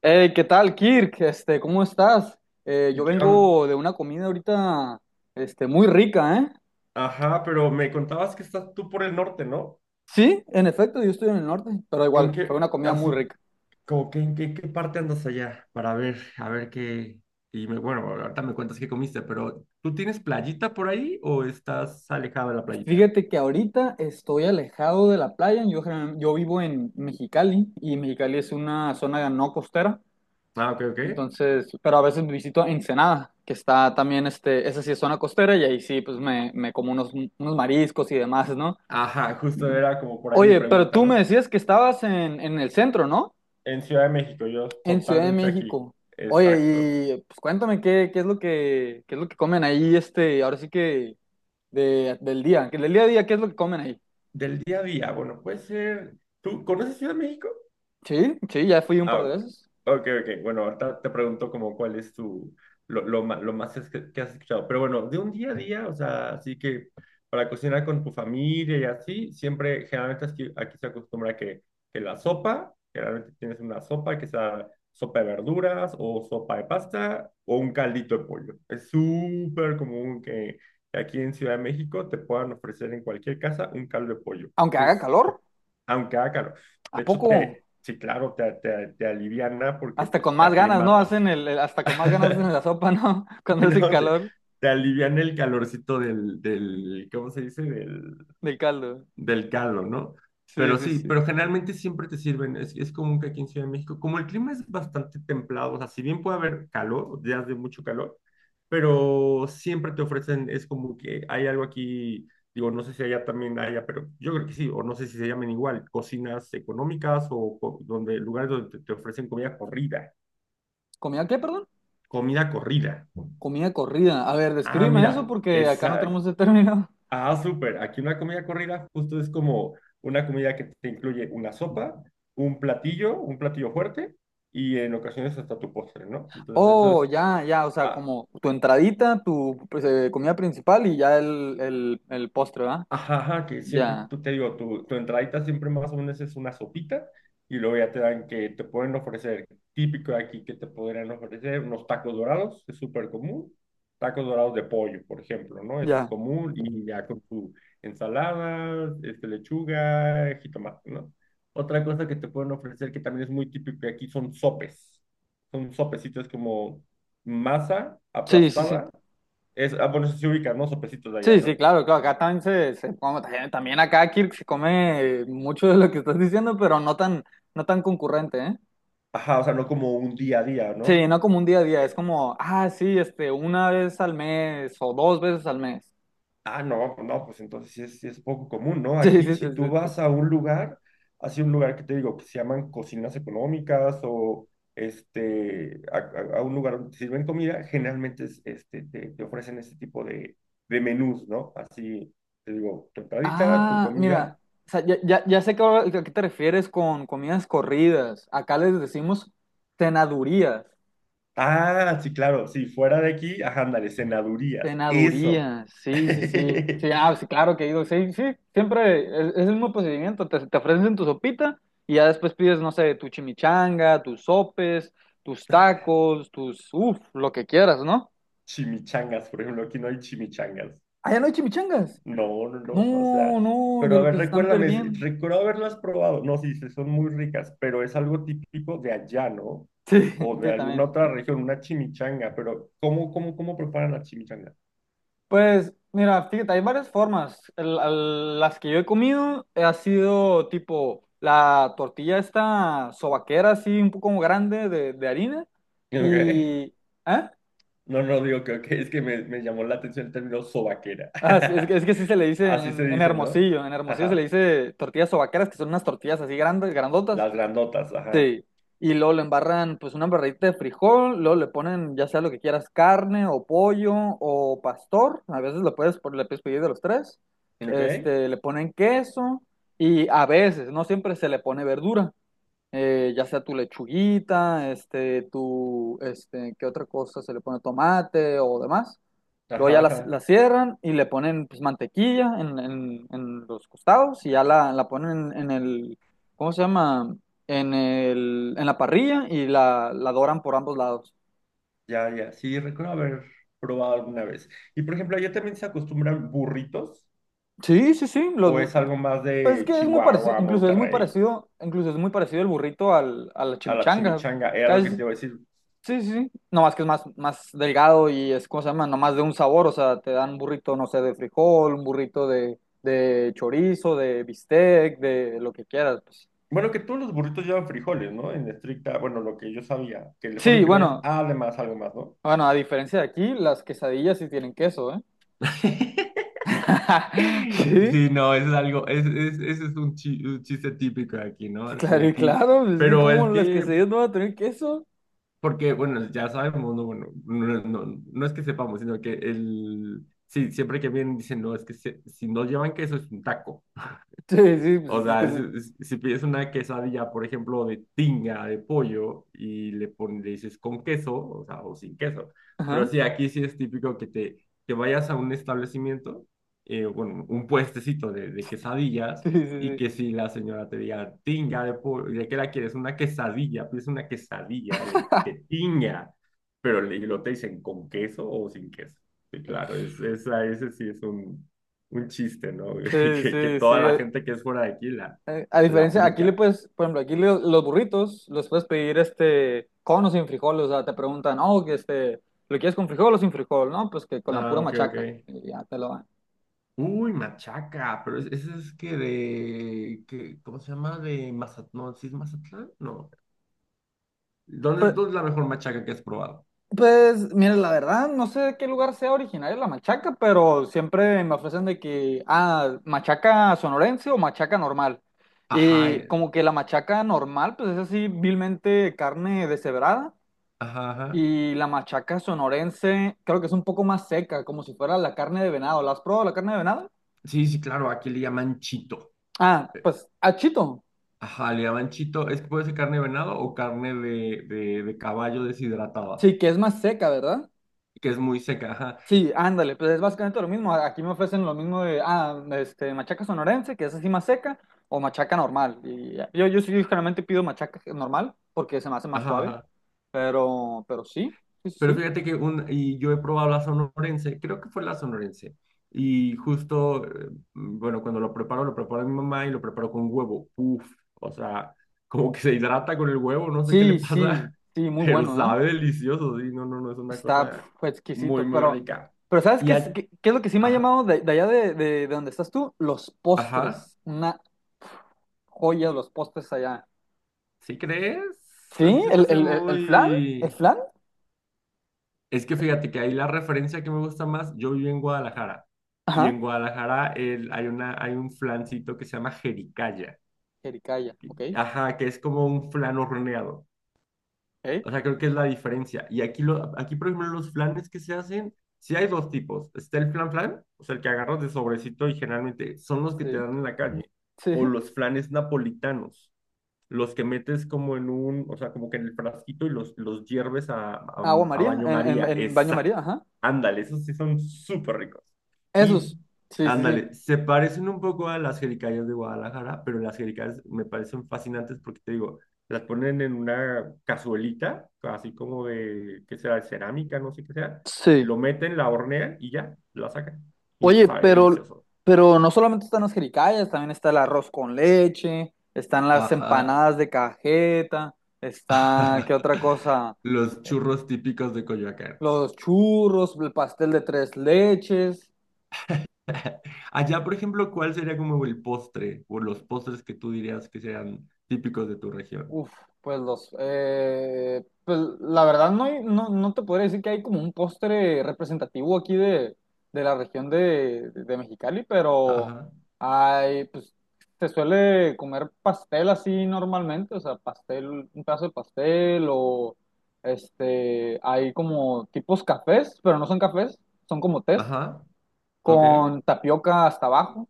Hey, ¿qué tal, Kirk? ¿Cómo estás? ¿Qué Yo on- vengo de una comida ahorita, muy rica, ¿eh? Ajá, pero me contabas que estás tú por el norte, ¿no? Sí, en efecto, yo estoy en el norte, pero ¿En igual, fue qué, una comida muy así, rica. como que en qué, qué parte andas allá? Para ver, a ver qué. Bueno, ahorita me cuentas qué comiste, pero ¿tú tienes playita por ahí o estás alejado de la playita? Fíjate que ahorita estoy alejado de la playa, yo, yo vivo en Mexicali y Mexicali es una zona no costera, Ah, ok, ok. entonces, pero a veces visito Ensenada, que está también, esa sí es zona costera y ahí sí, pues me como unos, unos mariscos y demás, ¿no? Ajá, justo era como por ahí mi Oye, pero pregunta, tú me ¿no? decías que estabas en el centro, ¿no? En Ciudad de México, yo En Ciudad de totalmente aquí. México. Exacto. Oye, y pues cuéntame qué es lo que, qué es lo que comen ahí, ahora sí que del día, que del día a día, ¿qué es lo que comen ahí? Del día a día, bueno, puede ser. ¿Tú conoces Ciudad de México? Sí, sí, ya fui un Ah, par de ok, veces. ok. Ok. Bueno, ahorita te pregunto como cuál es tu, lo más es que has escuchado. Pero bueno, de un día a día, o sea, así que para cocinar con tu familia y así, siempre, generalmente aquí se acostumbra que la sopa, generalmente tienes una sopa que sea sopa de verduras o sopa de pasta o un caldito de pollo. Es súper común que, aquí en Ciudad de México te puedan ofrecer en cualquier casa un caldo de pollo, Aunque haga calor, aunque haga calor. ¿a De hecho, poco? te, sí, claro, te aliviana porque Hasta pues, con te más ganas, ¿no? aclimatas. Hacen hasta con más ganas hacen la sopa, ¿no? Cuando hace No, te, calor te aliviana el calorcito del ¿cómo se dice? Del, del caldo. del caldo, ¿no? Sí, Pero sí, sí, sí. pero generalmente siempre te sirven, es común que aquí en Ciudad de México, como el clima es bastante templado, o sea, si bien puede haber calor, días de mucho calor, pero siempre te ofrecen, es como que hay algo aquí, digo, no sé si allá también haya, pero yo creo que sí, o no sé si se llamen igual, cocinas económicas o, co- donde lugares donde te ofrecen comida corrida, ¿Comida qué, perdón? comida corrida. Comida corrida. A ver, Ah, descríbeme eso mira, porque acá no tenemos ese término. ah, súper. Aquí una comida corrida justo es como una comida que te incluye una sopa, un platillo fuerte y en ocasiones hasta tu postre, ¿no? Entonces eso Oh, es, ya, ya, o sea, ah, como tu entradita, tu pues, comida principal y ya el postre, ¿verdad? ajá, ajá, que siempre, Ya, tú te digo, tu entradita siempre más o menos es una sopita y luego ya te dan que te pueden ofrecer, típico de aquí que te podrían ofrecer unos tacos dorados, es súper común, tacos dorados de pollo, por ejemplo, ¿no? Es ya. común y ya con tu ensalada, este, lechuga, jitomate, ¿no? Otra cosa que te pueden ofrecer que también es muy típico de aquí son sopes, son sopecitos como masa Sí, sí, sí. aplastada, es, ah, bueno, eso sí se ubica, ¿no? Sopecitos de allá, Sí, sí, ¿no? claro, claro. Acá también se como también, también acá Kirk se come mucho de lo que estás diciendo, pero no tan, no tan concurrente, ¿eh? Ajá, o sea, no como un día a día, Sí, ¿no? no como un día a día, es como, ah, sí, este, una vez al mes o dos veces al mes. Ah, no, no, pues entonces sí es poco común, ¿no? Sí, Aquí, sí, sí, si tú vas sí. a un lugar, así un lugar que te digo, que se llaman cocinas económicas o este, a un lugar donde te sirven comida, generalmente es, este, te ofrecen este tipo de menús, ¿no? Así, te digo, tu entradita, tu Ah, mira, comida. o sea, ya, ya, ya sé que a qué te refieres con comidas corridas. Acá les decimos cenadurías. Ah, sí, claro, sí, fuera de aquí, ajá, ándale, cenadurías, eso. Cenadurías, sí, sí, sí. Sí, ah, sí, claro que he ido. Sí, sí, siempre es el mismo procedimiento. Te ofrecen tu sopita y ya después pides, no sé, tu chimichanga, tus sopes, tus tacos, tus, uff, lo que quieras, ¿no? Chimichangas, por ejemplo, aquí no hay chimichangas. Allá no hay chimichangas. No, no, no, o No, sea, no, de pero a lo ver, que se están recuérdame, perdiendo. recuerdo haberlas probado. No, sí, sí, son muy ricas, pero es algo típico de allá, ¿no? Sí, O de sí, alguna también. otra región, una chimichanga, pero ¿cómo preparan la chimichanga? Pues mira, fíjate, hay varias formas. Las que yo he comido ha sido tipo la tortilla esta sobaquera, así un poco grande de harina. Ok. Y... ¿Eh? No, no digo que ok, es que me llamó la atención el término sobaquera. Ah, sí, es que sí se le dice Así se en dice, ¿no? Hermosillo. En Hermosillo se le Ajá. dice tortillas sobaqueras, que son unas tortillas así grandes, grandotas. Las grandotas, ajá. Sí, y luego le embarran pues una embarradita de frijol, luego le ponen ya sea lo que quieras, carne o pollo o pastor, a veces lo puedes, le puedes pedir de los tres, Ok. Le ponen queso y a veces, no siempre se le pone verdura, ya sea tu lechuguita, tu, ¿qué otra cosa se le pone tomate o demás? Luego ya Ajá, la ajá. cierran y le ponen pues, mantequilla en los costados y ya la ponen en el, ¿cómo se llama? En la parrilla y la doran por ambos lados. Ya, ya. Sí, recuerdo haber probado alguna vez. Y por ejemplo, allá también se acostumbran burritos. Sí, sí, sí. Los, ¿O es algo más pues es de que es muy parecido, Chihuahua, incluso es muy Monterrey, parecido, incluso es muy parecido el burrito al, a la a la chimichanga. chimichanga? Era lo que Casi, te iba a decir. sí, sí, sí. No más que es más, más delgado y es, ¿cómo se llama? Nomás de un sabor, o sea, te dan un burrito, no sé, de frijol, un burrito de chorizo, de bistec, de lo que quieras, pues. Bueno, que todos los burritos llevan frijoles, ¿no? En estricta, bueno, lo que yo sabía, que le ponen Sí, frijoles, bueno, además, algo más, ¿no? bueno, a diferencia de aquí, las quesadillas sí tienen queso, ¿eh? Sí, Sí, no, eso es algo, ese es un, un chiste típico de aquí, ¿no? Sí, claro, y aquí, claro, pues es que pero como es las que, quesadillas no van a tener queso. porque, bueno, ya sabemos, no, bueno, no, no, no es que sepamos, sino que el, sí, siempre que vienen dicen, no, es que si no llevan queso es un taco. Sí, sí, pues O es que sea, si, sí. Si pides una quesadilla, por ejemplo, de tinga, de pollo, y le pones, le dices con queso, o sea, o sin queso. Pero Ajá. sí, aquí sí es típico que te que vayas a un establecimiento, bueno, un puestecito de quesadillas, Sí, sí, y sí. que si la señora te diga tinga de pollo, ¿de qué la quieres? Una quesadilla, pides una quesadilla de tinga, pero le, lo te dicen con queso o sin queso. Sí, claro, es, esa, ese sí es un chiste, ¿no? Sí, que sí, sí. toda la gente que es fuera de aquí la, A la diferencia, aquí le aplica. puedes, por ejemplo, aquí los burritos los puedes pedir este con o sin frijol, o sea, te preguntan, oh, que este, ¿lo quieres con frijol o sin frijol? No, pues que con la Ah, pura ok, machaca, ok. y ya te lo dan. Uy, machaca, pero ese es que de, que, ¿cómo se llama? De Mazatlán, no, ¿sí es Mazatlán? No. Pues, Dónde es la mejor machaca que has probado? pues, mira, la verdad, no sé de qué lugar sea originaria la machaca, pero siempre me ofrecen de que, ah, machaca sonorense o machaca normal. Ajá, Y como que la machaca normal, pues es así, vilmente carne deshebrada. ajá, ajá. Y la machaca sonorense, creo que es un poco más seca, como si fuera la carne de venado. ¿La has probado la carne de venado? Sí, sí, claro, aquí le llaman chito. Ah, pues, achito. Ajá, le llaman chito, es que puede ser carne de venado o carne de caballo deshidratada, Sí, que es más seca, ¿verdad? que es muy seca, Sí, ándale, pues es básicamente lo mismo. Aquí me ofrecen lo mismo de, ah, este, machaca sonorense, que es así más seca, o machaca normal. Y ah, yo, sí, generalmente pido machaca normal, porque se me hace más suave, ajá. Pero sí, sí, sí, Pero sí. fíjate que un, y yo he probado la sonorense, creo que fue la sonorense. Y justo, bueno, cuando lo preparo a mi mamá y lo preparo con huevo. Uf, o sea, como que se hidrata con el huevo, no sé qué le Sí, sí, pasa, sí, muy pero bueno, ¿eh? sabe delicioso, sí, no, no, no, es una Está cosa pf, muy, exquisito, muy rica. pero ¿sabes Y, qué es, a- qué, qué es lo que sí me ha ajá, llamado de allá de donde estás tú? Los ajá, postres, una joya los postres allá. ¿sí crees? A mí Sí, se me hace el muy... flan, Es que fíjate que ahí la referencia que me gusta más, yo vivo en Guadalajara y ajá, en Guadalajara hay una, hay un flancito que se llama jericaya, jericaya, ok, ajá, que es como un flan horneado. ok, O sea, creo que es la diferencia. Y aquí, lo, aquí por ejemplo, los flanes que se hacen, sí hay dos tipos. Está el flan flan, o sea, el que agarras de sobrecito y generalmente son los que te sí. dan en la calle, o Sí, los flanes napolitanos, los que metes como en un, o sea, como que en el frasquito y los hierves agua a María, baño María. en baño María, Exacto. ajá. Ándale, esos sí son súper ricos. Y Esos, sí, sí, sí. ándale, se parecen un poco a las jericayas de Guadalajara, pero las jericayas me parecen fascinantes porque te digo, las ponen en una cazuelita, así como de, ¿qué será? De cerámica, no sé qué sea. Sí. Lo meten, la hornean y ya, la sacan. Y Oye, sabe delicioso. pero no solamente están las jericayas, también está el arroz con leche, están las Ajá. empanadas de cajeta, está, ¿qué otra cosa? Los churros típicos de Coyoacán. Los churros, el pastel de tres leches. Allá, por ejemplo, ¿cuál sería como el postre o los postres que tú dirías que sean típicos de tu región? Uf, pues los, pues la verdad no, no, no te podría decir que hay como un postre representativo aquí de la región de Mexicali, pero Ajá, hay, pues se suele comer pastel así normalmente, o sea, pastel, un pedazo de pastel o este, hay como tipos cafés, pero no son cafés, son como tés, ajá, ok. con tapioca hasta abajo.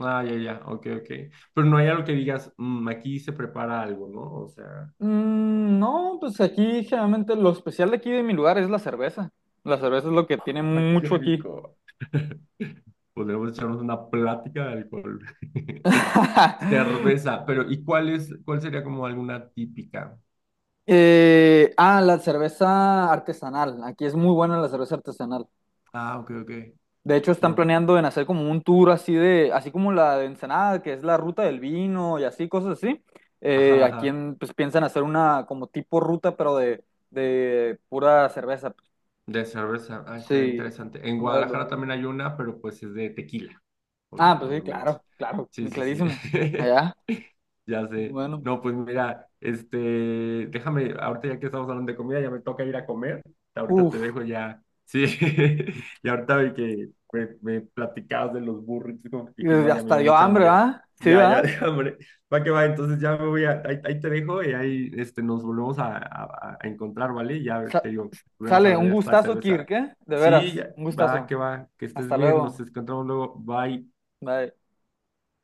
Ah, ya, ya, ok, ok. Pero no hay algo que digas, "Mm, aquí se prepara algo", ¿no? O sea, Mm, no, pues aquí generalmente lo especial de aquí de mi lugar es la cerveza. La cerveza es lo que tiene ah, qué mucho aquí. rico. Podríamos echarnos una plática de alcohol. Cerveza, pero ¿y cuál es, cuál sería como alguna típica? La cerveza artesanal. Aquí es muy buena la cerveza artesanal. Ah, ok, ok. De hecho, están No, planeando en hacer como un tour así de, así como la de Ensenada, que es la ruta del vino y así, cosas así. ajá, Aquí ajá. Pues piensan hacer una como tipo ruta, pero de pura cerveza, pues. De cerveza, ah, estaría Sí, interesante. En en varios Guadalajara lugares. también hay una, pero pues es de tequila. Ah, pues sí, Obviamente. claro, claro, Sí, sí, sí. clarísimo. Allá. Ya sé. Bueno, No, pues mira, este, déjame, ahorita ya que estamos hablando de comida, ya me toca ir a comer. Ahorita te uff, dejo ya. Sí, y ahorita vi que me platicabas de los burritos, como que dije, no, ya me hasta dio dio mucha hambre, hambre. ¿ah? Sí, Ya, ya, ¿ah? de hambre. Va que va, entonces ya me voy a, ahí, ahí te dejo y ahí este, nos volvemos a encontrar, ¿vale? Ya te digo, volvemos a Sale, hablar un de esta gustazo, Kirk, cerveza. ¿eh? De Sí, veras, ya, un gustazo. Va, que estés Hasta bien, nos luego. encontramos luego, bye. Bye.